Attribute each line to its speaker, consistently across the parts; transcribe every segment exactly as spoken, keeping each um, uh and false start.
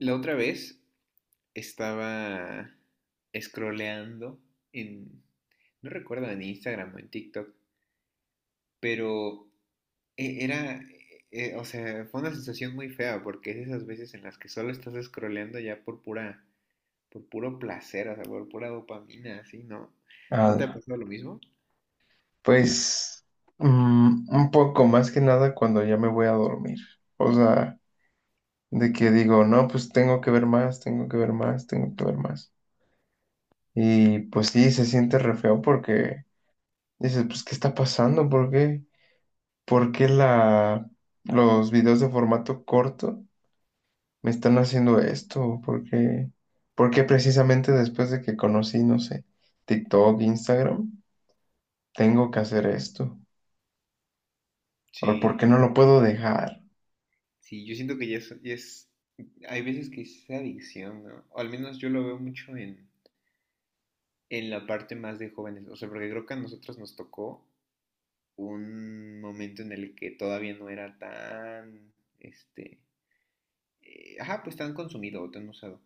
Speaker 1: La otra vez estaba scrolleando en, no recuerdo, en Instagram o en TikTok, pero e- era, eh, o sea, fue una sensación muy fea porque es de esas veces en las que solo estás scrolleando ya por pura, por puro placer, o sea, por pura dopamina, así, ¿no? ¿No te ha
Speaker 2: Ah,
Speaker 1: pasado lo mismo?
Speaker 2: pues mm, un poco más que nada cuando ya me voy a dormir. O sea, de que digo, no, pues tengo que ver más, tengo que ver más, tengo que ver más. Y pues sí, se siente re feo porque dices, pues, ¿qué está pasando? ¿Por qué? ¿Por qué la, los videos de formato corto me están haciendo esto? ¿Por qué? Porque precisamente después de que conocí, no sé, TikTok, Instagram, tengo que hacer esto. ¿Por por qué
Speaker 1: Sí,
Speaker 2: no lo puedo dejar?
Speaker 1: sí, yo siento que ya es, ya es- hay veces que es adicción, ¿no? O al menos yo lo veo mucho en, en la parte más de jóvenes, o sea, porque creo que a nosotros nos tocó un momento en el que todavía no era tan, este, eh, ajá, pues tan consumido o tan usado.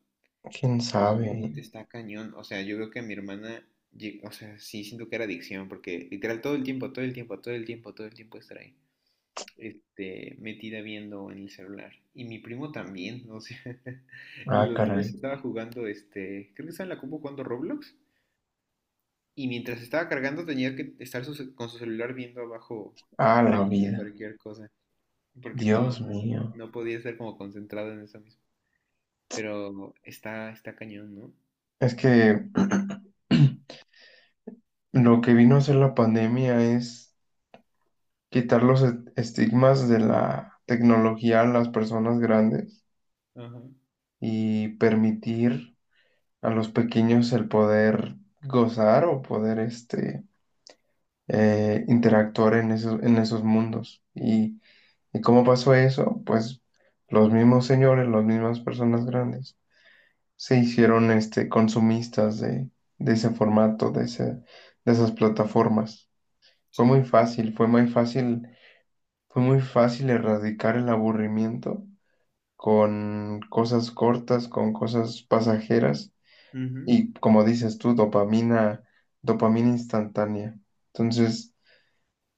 Speaker 2: ¿Quién
Speaker 1: Pero
Speaker 2: sabe?
Speaker 1: últimamente está cañón. O sea, yo veo que a mi hermana, lleg- o sea, sí siento que era adicción, porque literal todo el tiempo, todo el tiempo, todo el tiempo, todo el tiempo estar ahí, este, metida viendo en el celular. Y mi primo también, o sea,
Speaker 2: Ah,
Speaker 1: los
Speaker 2: caray.
Speaker 1: tres estaba jugando, este, creo que estaba en la compu jugando Roblox. Y mientras estaba cargando tenía que estar su ce- con su celular viendo abajo
Speaker 2: Ah, la
Speaker 1: reels de
Speaker 2: vida.
Speaker 1: cualquier cosa. Porque no,
Speaker 2: Dios mío.
Speaker 1: no podía estar como concentrado en eso mismo. Pero está, está cañón, ¿no?
Speaker 2: Es que lo que vino a hacer la pandemia es quitar los est- estigmas de la tecnología a las personas grandes
Speaker 1: Ajá,
Speaker 2: y permitir a los pequeños el poder gozar o poder este, eh, interactuar en esos, en esos mundos. ¿Y, y cómo pasó eso? Pues los mismos señores, las mismas personas grandes se hicieron este, consumistas de, de ese formato, de, ese- de esas plataformas. Fue
Speaker 1: sí.
Speaker 2: muy fácil, fue muy fácil, fue muy fácil erradicar el aburrimiento con cosas cortas, con cosas pasajeras
Speaker 1: Ujú.
Speaker 2: y, como dices tú, dopamina, dopamina instantánea. Entonces,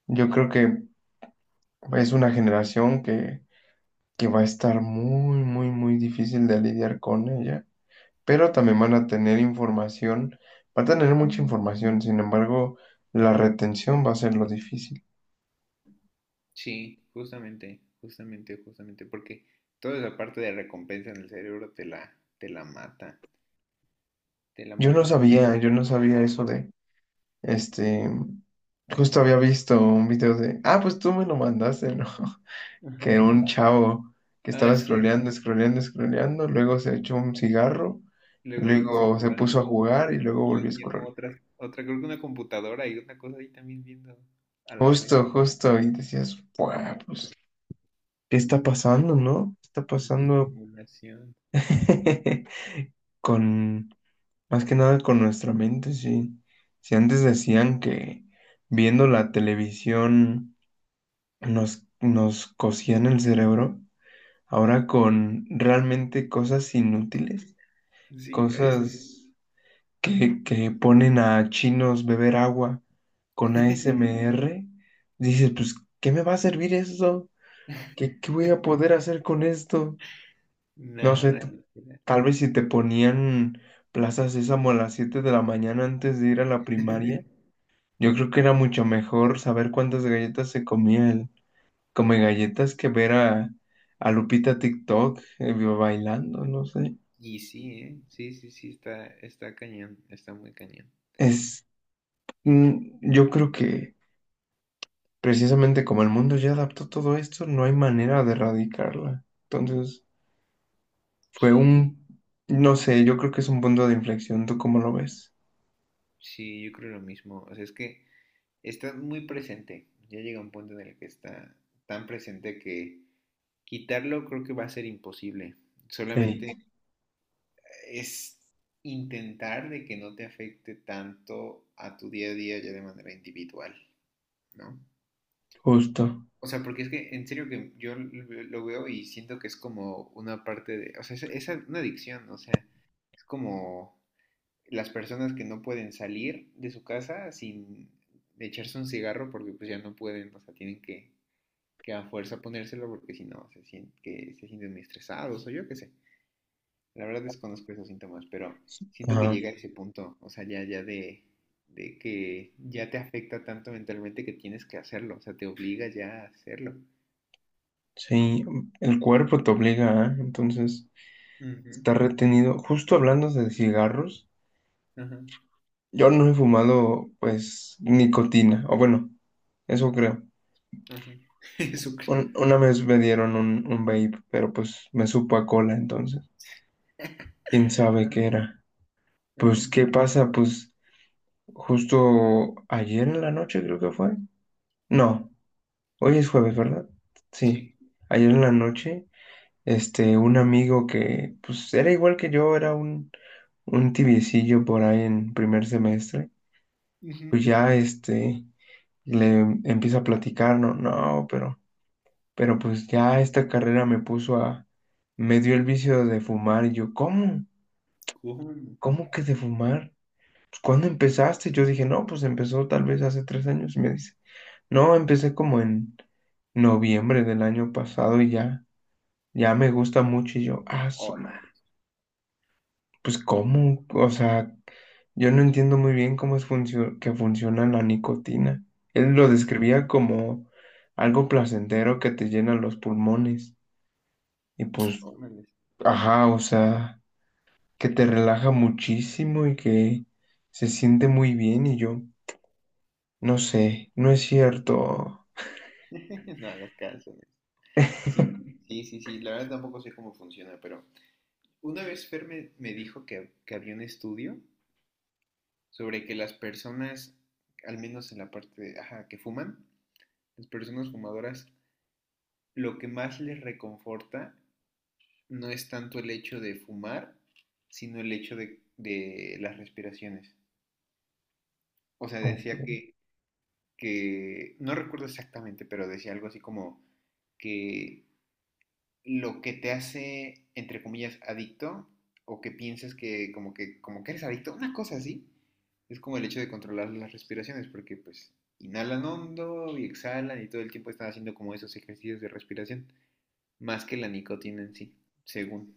Speaker 2: yo creo que es una generación que, que va a estar muy, muy, muy difícil de lidiar con ella, pero también van a tener información, va a tener mucha información. Sin embargo, la retención va a ser lo difícil.
Speaker 1: Sí, justamente, justamente, justamente, porque toda esa parte de recompensa en el cerebro te la, te la mata, te la
Speaker 2: Yo no
Speaker 1: mata mucho.
Speaker 2: sabía, yo no sabía eso de, este, justo había visto un video de, ah, pues tú me lo mandaste, ¿no?
Speaker 1: Ajá.
Speaker 2: Que un chavo que
Speaker 1: Ah,
Speaker 2: estaba
Speaker 1: sí,
Speaker 2: scrolleando, scrolleando, scrolleando, luego se echó un cigarro,
Speaker 1: luego puse a
Speaker 2: luego se puso
Speaker 1: jugar
Speaker 2: a jugar y luego
Speaker 1: y la
Speaker 2: volvió a
Speaker 1: niña como
Speaker 2: scrollear.
Speaker 1: otra, otra, creo que una computadora y una cosa ahí también viendo a la vez.
Speaker 2: Justo, justo, y decías, "Buah, pues, ¿qué está pasando, no? ¿Qué está
Speaker 1: Mucha
Speaker 2: pasando?"
Speaker 1: estimulación.
Speaker 2: con, Más que nada con nuestra mente, sí. Si antes decían que viendo la televisión nos, nos cosían el cerebro, ahora con realmente cosas inútiles,
Speaker 1: Sí, a eso sí.
Speaker 2: cosas que, que ponen a chinos beber agua con A S M R, dices, pues, ¿qué me va a servir eso? ¿Qué, qué voy a poder hacer con esto? No sé,
Speaker 1: Nada,
Speaker 2: t-
Speaker 1: literal.
Speaker 2: tal vez si te ponían plazas Sésamo a las siete de la mañana antes de ir a la primaria. Yo creo que era mucho mejor saber cuántas galletas se comía el come galletas que ver a, a Lupita TikTok eh, bailando, no sé.
Speaker 1: Y sí, ¿eh? Sí, sí, sí, está, está cañón, está muy cañón.
Speaker 2: Es, mm, yo creo que precisamente como el mundo ya adaptó todo esto, no hay manera de erradicarla. Entonces, fue
Speaker 1: Sí,
Speaker 2: un, no sé, yo creo que es un punto de inflexión. ¿Tú cómo lo ves?
Speaker 1: sí, yo creo lo mismo. O sea, es que está muy presente. Ya llega un punto en el que está tan presente que quitarlo creo que va a ser imposible.
Speaker 2: Sí,
Speaker 1: Solamente es intentar de que no te afecte tanto a tu día a día ya de manera individual, ¿no?
Speaker 2: justo.
Speaker 1: O sea, porque es que en serio que yo lo veo lo veo y siento que es como una parte de, o sea, es, es una adicción, o sea, es como las personas que no pueden salir de su casa sin echarse un cigarro porque pues ya no pueden, o sea, tienen que, que a fuerza ponérselo porque si no se, sienten que se sienten muy estresados o yo qué sé. La verdad desconozco esos síntomas, pero siento que
Speaker 2: Ajá,
Speaker 1: llega a ese punto, o sea, ya, ya de, de que ya te afecta tanto mentalmente que tienes que hacerlo, o sea, te obliga ya a hacerlo.
Speaker 2: sí, el cuerpo te obliga, ¿eh? Entonces,
Speaker 1: Ujú,
Speaker 2: está retenido. Justo hablando de cigarros.
Speaker 1: ajá,
Speaker 2: Yo no he fumado, pues, nicotina, o bueno, eso creo.
Speaker 1: ajá. Eso creo.
Speaker 2: Un- una vez me dieron un, un vape, pero pues me supo a cola, entonces, quién sabe qué era.
Speaker 1: Ajá,
Speaker 2: Pues, ¿qué pasa? Pues, justo ayer en la noche creo que fue. No, hoy es jueves, ¿verdad? Sí,
Speaker 1: sí.
Speaker 2: ayer en la noche, este, un amigo que, pues, era igual que yo, era un, un tibiecillo por ahí en primer semestre.
Speaker 1: Ujú.
Speaker 2: Pues ya, este, le empieza a platicar, no, no, pero Pero pues ya esta carrera me puso a, me dio el vicio de fumar y yo, ¿cómo?
Speaker 1: ¿Cómo?
Speaker 2: ¿Cómo que de fumar? Pues, ¿cuándo empezaste? Yo dije, no, pues empezó tal vez hace tres años y me dice, no, empecé como en noviembre del año pasado y ya, ya me gusta mucho y yo, ah, su madre,
Speaker 1: Órale.
Speaker 2: pues ¿cómo? O sea, yo no entiendo muy bien cómo es funcio- que funciona la nicotina. Él lo
Speaker 1: No, yo-
Speaker 2: describía como algo placentero que te llena los pulmones y pues, ajá, o sea, que te relaja muchísimo y que se siente muy bien y yo, no sé, no es cierto.
Speaker 1: No hagas caso. Sí, sí, sí, sí. La verdad tampoco sé cómo funciona, pero una vez Fer me, me dijo que, que había un estudio sobre que las personas, al menos en la parte de- ajá, que fuman, las personas fumadoras, lo que más les reconforta no es tanto el hecho de fumar, sino el hecho de, de las respiraciones. O sea, decía que, que, no recuerdo exactamente, pero decía algo así como que lo que te hace, entre comillas, adicto, o que piensas que como que, como que eres adicto, una cosa así, es como el hecho de controlar las respiraciones, porque pues inhalan hondo y exhalan y todo el tiempo están haciendo como esos ejercicios de respiración, más que la nicotina en sí, según.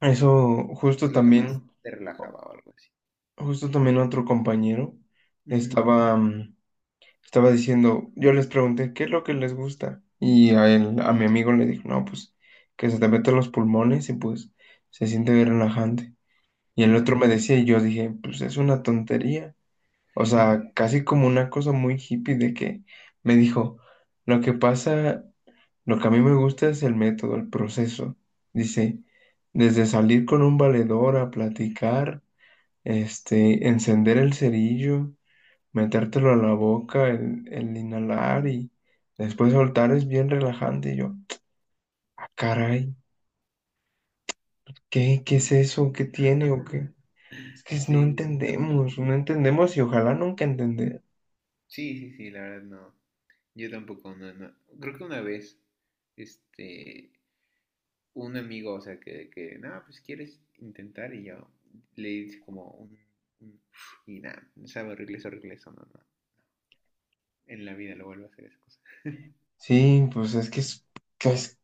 Speaker 2: Eso
Speaker 1: Es
Speaker 2: justo
Speaker 1: lo que más
Speaker 2: también,
Speaker 1: te relajaba o algo así.
Speaker 2: justo también otro compañero
Speaker 1: Ujú,
Speaker 2: estaba, mm, estaba diciendo. Yo les pregunté qué es lo que les gusta y a él, a mi amigo, le dijo, no, pues que se te meten los pulmones y pues se siente bien relajante. Y el otro
Speaker 1: ujú.
Speaker 2: me decía y yo dije, pues es una tontería. O sea, casi como una cosa muy hippie de que me dijo, lo que pasa, lo que a mí me gusta es el método, el proceso. Dice, desde salir con un valedor a platicar, este, encender el cerillo, metértelo a la boca, el, el inhalar y después soltar es bien relajante. Y yo, "Ah, caray, ¿qué, qué es eso? ¿Qué tiene o qué?" Es que no
Speaker 1: Sí, sí, está muy loco.
Speaker 2: entendemos, no entendemos, y ojalá nunca entender.
Speaker 1: Sí, sí, sí, la verdad no. Yo tampoco, no, no. Creo que una vez, este, un amigo, o sea, que, que nada, pues quieres intentar y yo le hice como un, un- y nada, no sabe horrible, es horrible eso, no, no, en la vida lo vuelvo a hacer esa cosa.
Speaker 2: Sí, pues es que es...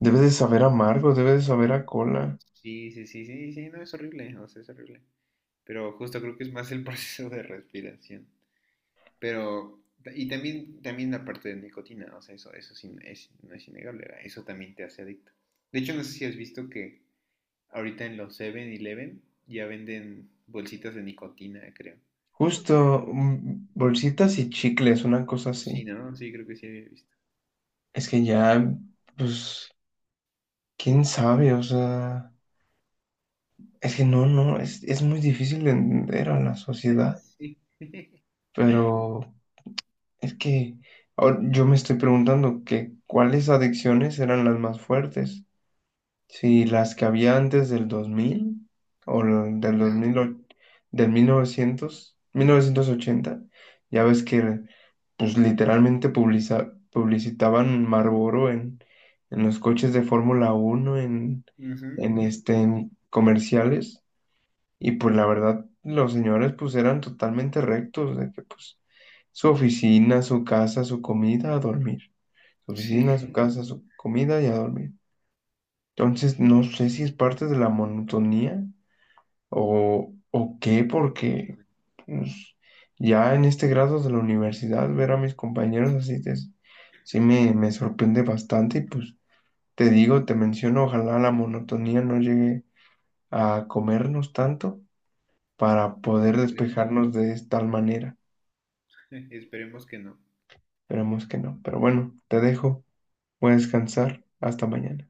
Speaker 2: Debes de saber a amargo, debes de saber a cola.
Speaker 1: Sí, sí, sí, sí, sí, no, es horrible, o sea, es horrible. Pero justo creo que es más el proceso de respiración. Pero, y también, también la parte de nicotina, o sea, eso, eso sí, no es, no es innegable, ¿verdad? Eso también te hace adicto. De hecho, no sé si has visto que ahorita en los siete-Eleven ya venden bolsitas de nicotina, creo.
Speaker 2: Justo, mm, bolsitas y chicles, una cosa así.
Speaker 1: Sí, ¿no? Sí, creo que sí había visto.
Speaker 2: Es que ya, pues, quién sabe, o sea, es que no, no, es, es muy difícil de entender a la sociedad,
Speaker 1: Sí.
Speaker 2: pero es que ahora yo me estoy preguntando que cuáles adicciones eran las más fuertes, si las que había antes del dos mil o la- del
Speaker 1: De
Speaker 2: dos mil
Speaker 1: ahora.
Speaker 2: o- del mil novecientos mil novecientos ochenta. Ya ves que pues literalmente publica publicitaban Marlboro en, en los coches de Fórmula Uno, en,
Speaker 1: Ujú,
Speaker 2: en,
Speaker 1: ujú,
Speaker 2: este,
Speaker 1: sí.
Speaker 2: en comerciales, y pues la verdad, los señores pues eran totalmente rectos, de que pues su oficina, su casa, su comida, a dormir. Su oficina,
Speaker 1: Sí.
Speaker 2: su casa, su comida y a dormir. Entonces, no sé si es parte de la monotonía o, o qué, porque pues, ya en este grado de la universidad, ver a mis compañeros así te- sí me, me sorprende bastante. Y pues te digo, te menciono, ojalá la monotonía no llegue a comernos tanto para
Speaker 1: Pues
Speaker 2: poder
Speaker 1: esperemos.
Speaker 2: despejarnos de tal manera.
Speaker 1: Esperemos que no.
Speaker 2: Esperemos que no, pero bueno, te dejo, voy a descansar, hasta mañana.